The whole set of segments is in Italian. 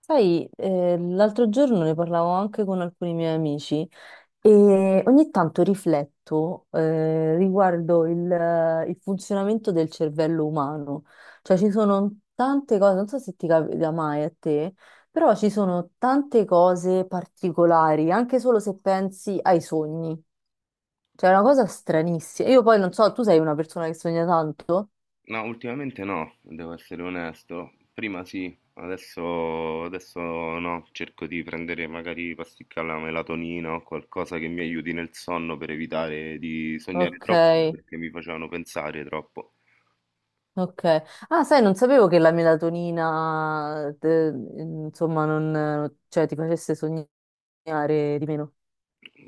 Sai, l'altro giorno ne parlavo anche con alcuni miei amici e ogni tanto rifletto riguardo il funzionamento del cervello umano. Cioè ci sono tante cose, non so se ti capita mai a te, però ci sono tante cose particolari, anche solo se pensi ai sogni. Cioè è una cosa stranissima. Io poi non so, tu sei una persona che sogna tanto? No, ultimamente no, devo essere onesto. Prima sì, adesso, adesso no. Cerco di prendere magari pasticche alla melatonina o qualcosa che mi aiuti nel sonno per evitare di sognare Ok. troppo perché mi facevano pensare troppo. Ok. Ah, sai, non sapevo che la melatonina, insomma, non, cioè, ti facesse sognare di meno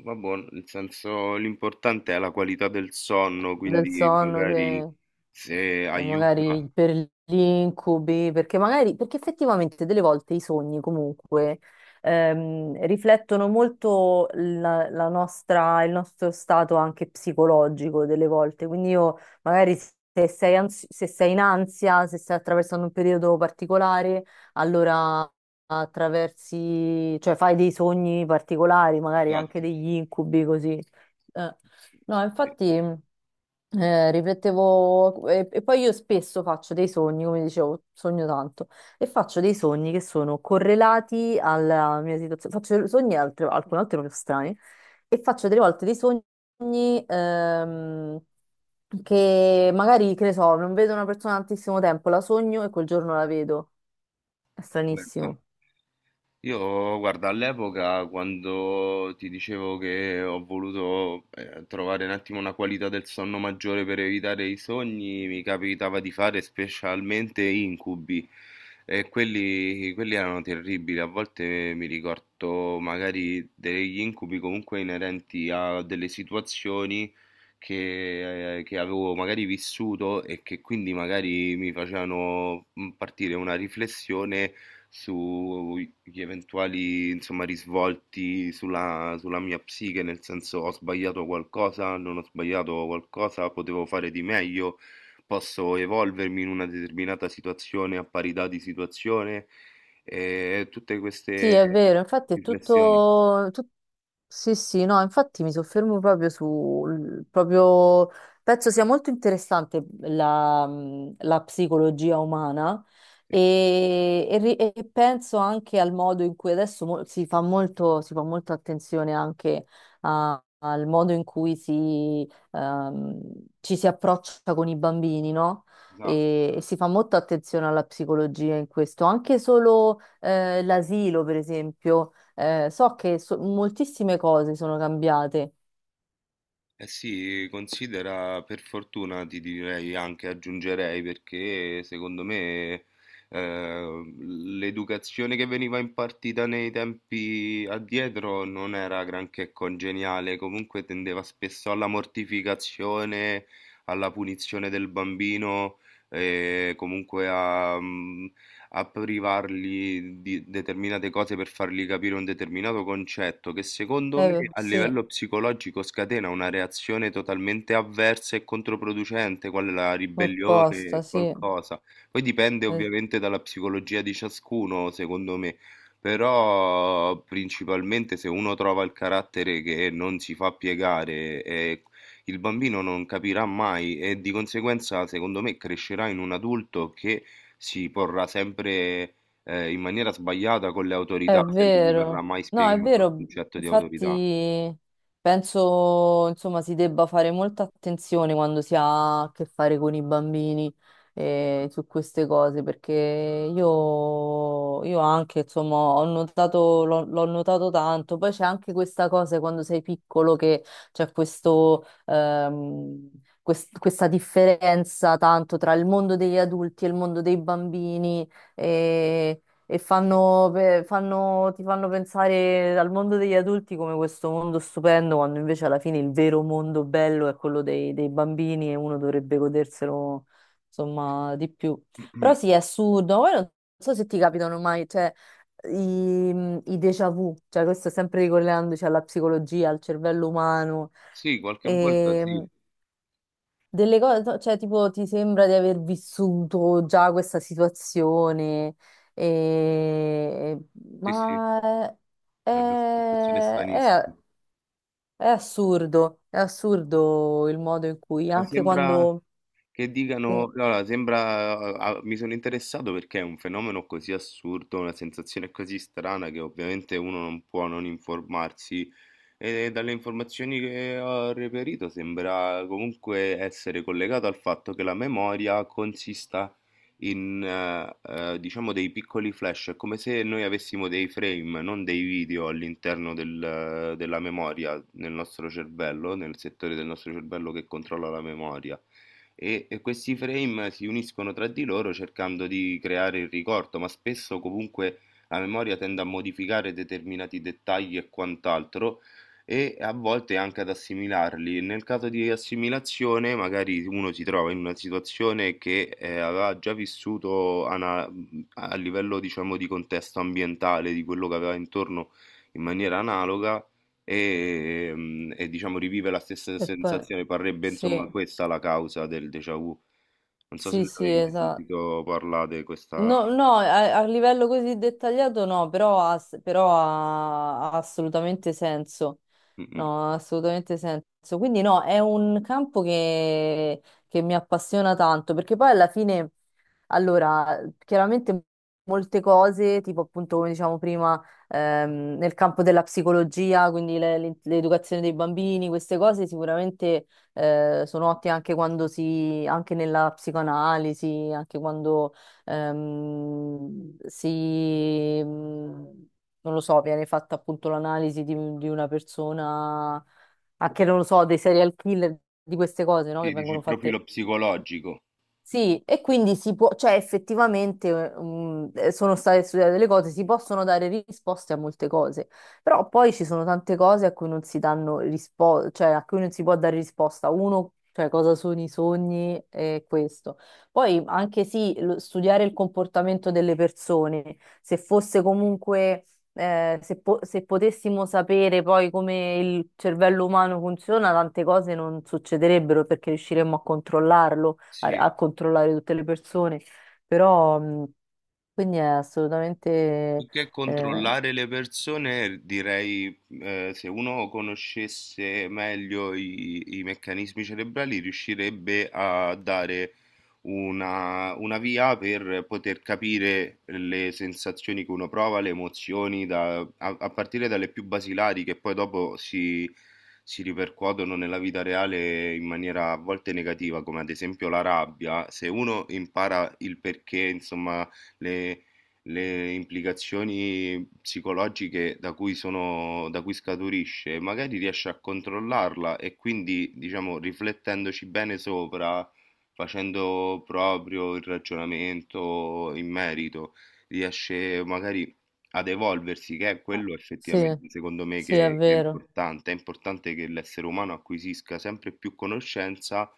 Vabbè, nel senso l'importante è la qualità del sonno, del quindi sonno magari che... se aiuta. magari per gli incubi, perché magari, perché effettivamente delle volte i sogni comunque riflettono molto la nostra, il nostro stato anche psicologico delle volte, quindi io magari se sei in ansia, se stai attraversando un periodo particolare, allora attraversi, cioè fai dei sogni particolari, magari anche Esatto. degli incubi così. Eh, No, Sì, sì. infatti riflettevo e poi io spesso faccio dei sogni, come dicevo, sogno tanto, e faccio dei sogni che sono correlati alla mia situazione. Faccio alcune volte proprio strani e faccio delle volte dei sogni che magari, che ne so, non vedo una persona da tantissimo tempo, la sogno e quel giorno la vedo. È Vabbè, sta- stranissimo. Io, guarda, all'epoca quando ti dicevo che ho voluto trovare un attimo una qualità del sonno maggiore per evitare i sogni, mi capitava di fare specialmente incubi e quelli erano terribili. A volte mi ricordo magari degli incubi comunque inerenti a delle situazioni che avevo magari vissuto e che quindi magari mi facevano partire una riflessione sugli eventuali, insomma, risvolti sulla mia psiche, nel senso ho sbagliato qualcosa, non ho sbagliato qualcosa, potevo fare di meglio, posso evolvermi in una determinata situazione a parità di situazione e tutte queste Sì, è vero, infatti è riflessioni. tutto. Sì, sì, no, infatti mi soffermo proprio sul... proprio... Penso sia molto interessante la psicologia umana Sì, e e penso anche al modo in cui adesso si fa molto, si fa molta attenzione anche al modo in cui si, ci si approccia con i bambini, no? esatto. E si fa molta attenzione alla psicologia in questo, anche solo l'asilo, per esempio. So che moltissime cose sono cambiate. Eh sì, considera per fortuna ti direi anche aggiungerei perché secondo me l'educazione che veniva impartita nei tempi addietro non era granché congeniale, comunque tendeva spesso alla mortificazione, alla punizione del bambino e comunque a privarli di determinate cose per fargli capire un determinato concetto che secondo me a Sì, livello psicologico scatena una reazione totalmente avversa e controproducente, quale la apposta, ribellione, sì. qualcosa. Poi dipende Eh, ovviamente dalla psicologia di ciascuno, secondo me. Però principalmente se uno trova il carattere che non si fa piegare, e il bambino non capirà mai e di conseguenza, secondo me, crescerà in un adulto che si porrà sempre in maniera sbagliata con le autorità, È se non gli verrà vero, mai no, è spiegato il vero, concetto di autorità. infatti penso insomma si debba fare molta attenzione quando si ha a che fare con i bambini su queste cose perché io anche insomma ho notato, l'ho notato tanto, poi c'è anche questa cosa quando sei piccolo che c'è questo, questa differenza tanto tra il mondo degli adulti e il mondo dei bambini. E e fanno, ti fanno pensare al mondo degli adulti come questo mondo stupendo, quando invece alla fine il vero mondo bello è quello dei, dei bambini e uno dovrebbe goderselo, insomma, di più. Però sì, è assurdo. Poi non so se ti capitano mai, cioè, i, i déjà vu, cioè questo sempre ricollegandoci alla psicologia, al cervello umano. Sì, qualche volta sì, Ehm, delle cose, no, cioè, tipo, ti sembra di aver vissuto già questa situazione, e- sì, sì, ma è, è una sensazione stranissima. È assurdo il modo in cui, Ma anche sembra, quando... Che Sì, dicano: e "Guarda sembra a a mi sono interessato perché è un fenomeno così assurdo, una sensazione così strana che ovviamente uno non può non informarsi e dalle informazioni che ho reperito sembra comunque essere collegato al fatto che la memoria consista in, diciamo dei piccoli flash, è come se noi avessimo dei frame, non dei video all'interno della memoria, nel nostro cervello, nel settore del nostro cervello che controlla la memoria e, questi frame si uniscono tra di loro cercando di creare il ricordo, ma spesso comunque la memoria tende a modificare determinati dettagli e quant'altro e a volte anche ad assimilarli. Nel caso di assimilazione, magari uno si trova in una situazione che aveva già vissuto a livello, diciamo, di contesto ambientale, di quello che aveva intorno in maniera analoga. E diciamo rivive la stessa poi- sensazione, parrebbe insomma sì, questa la causa del déjà vu. Non so se sì, ne sì, avevi mai esatto. sentito parlare di questa. No, no, a, a livello così dettagliato no, però ha, però ha assolutamente senso. Mh-mh. No, ha assolutamente senso. Quindi no, è un campo che mi appassiona tanto, perché poi alla fine, allora, chiaramente molte cose, tipo appunto come diciamo prima, nel campo della psicologia, quindi l'educazione dei bambini, queste cose sicuramente sono ottime anche quando si, anche nella psicoanalisi, anche quando ehm, si, mh, non lo so, viene fatta appunto l'analisi di una persona, anche non lo so, dei serial killer, di queste cose, no? Che Sì, dici vengono il fatte profilo psicologico. sì, e quindi si può, cioè effettivamente sono state studiate delle cose, si possono dare risposte a molte cose, però poi ci sono tante cose a cui non si danno risposta, cioè a cui non si può dare risposta. Uno, cioè cosa sono i sogni e questo. Poi anche sì, studiare il comportamento delle persone, se fosse comunque, se potessimo sapere poi come il cervello umano funziona, tante cose non succederebbero perché riusciremmo a controllarlo a, Sì. a controllare tutte le persone, però quindi è assolutamente Più che eh, controllare le persone, direi, se uno conoscesse meglio i meccanismi cerebrali, riuscirebbe a dare una via per poter capire le sensazioni che uno prova, le emozioni, a, a partire dalle più basilari, che poi dopo si ripercuotono nella vita reale in maniera a volte negativa, come ad esempio la rabbia. Se uno impara il perché, insomma, le le implicazioni psicologiche da cui sono, da cui scaturisce, magari riesce a controllarla e quindi, diciamo, riflettendoci bene sopra, facendo proprio il ragionamento in merito, riesce magari ad evolversi, che è ah, quello sì, effettivamente secondo me sì, è che è vero. importante. È importante che l'essere umano acquisisca sempre più conoscenza,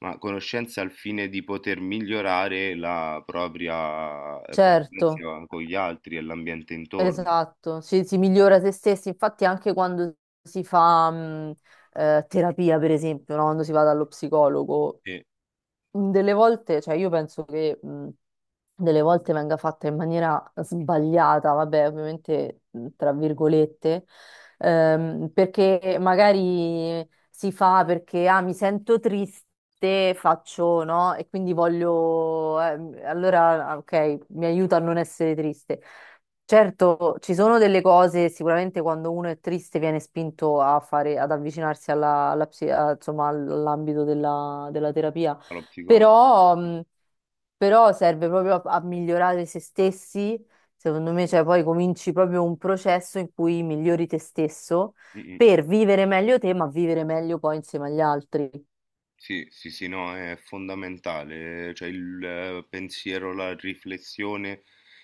ma conoscenza al fine di poter migliorare la propria Certo, convivenza con gli altri e l'ambiente intorno. esatto, si migliora se stessi, infatti anche quando si fa terapia, per esempio, no? Quando si va dallo psicologo, Sì, delle volte, cioè io penso che delle volte venga fatta in maniera sbagliata, vabbè, ovviamente tra virgolette, perché magari si fa perché ah, mi sento triste. Faccio, no? E quindi voglio, allora, ah, ok, mi aiuta a non essere triste. Certo, ci sono delle cose, sicuramente quando uno è triste viene spinto a fare, ad avvicinarsi alla, insomma, all'ambito della della terapia dallo psicologo. però, Sì. Però serve proprio a, a migliorare se stessi, secondo me, cioè poi cominci proprio un processo in cui migliori te stesso Mm, mm. per vivere meglio te, ma vivere meglio poi insieme agli altri. Sì, sì, sì, no, è fondamentale, cioè il pensiero, la riflessione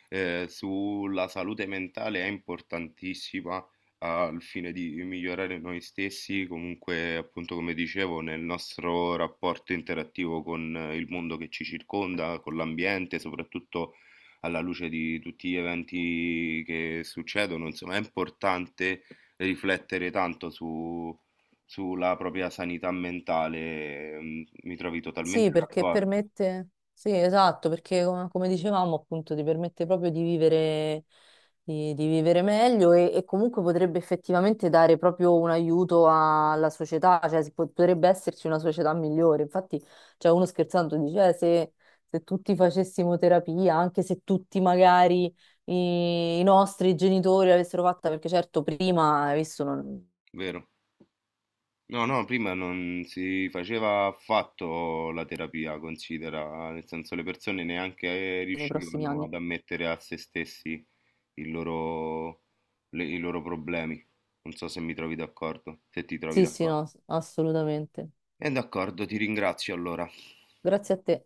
sulla salute mentale è importantissima al fine di migliorare noi stessi, comunque appunto come dicevo, nel nostro rapporto interattivo con il mondo che ci circonda, con l'ambiente, soprattutto alla luce di tutti gli eventi che succedono, insomma, è importante riflettere tanto su sulla propria sanità mentale, mm, mi trovi totalmente Sì, perché d'accordo, permette, sì, esatto, perché come dicevamo appunto ti permette proprio di vivere meglio e comunque potrebbe effettivamente dare proprio un aiuto alla società, cioè potrebbe esserci una società migliore. Infatti, cioè, uno scherzando dice, se, se tutti facessimo terapia, anche se tutti magari i, i nostri genitori l'avessero fatta, perché certo prima, hai visto, non- vero? No, no, prima non si faceva affatto la terapia, considera, nel senso le persone neanche nei prossimi riuscivano anni." ad ammettere a se stessi il loro- i loro problemi. Non so se mi trovi d'accordo, se ti trovi Sì, sì, no, d'accordo. Assolutamente. E d'accordo, ti ringrazio allora. Grazie a te.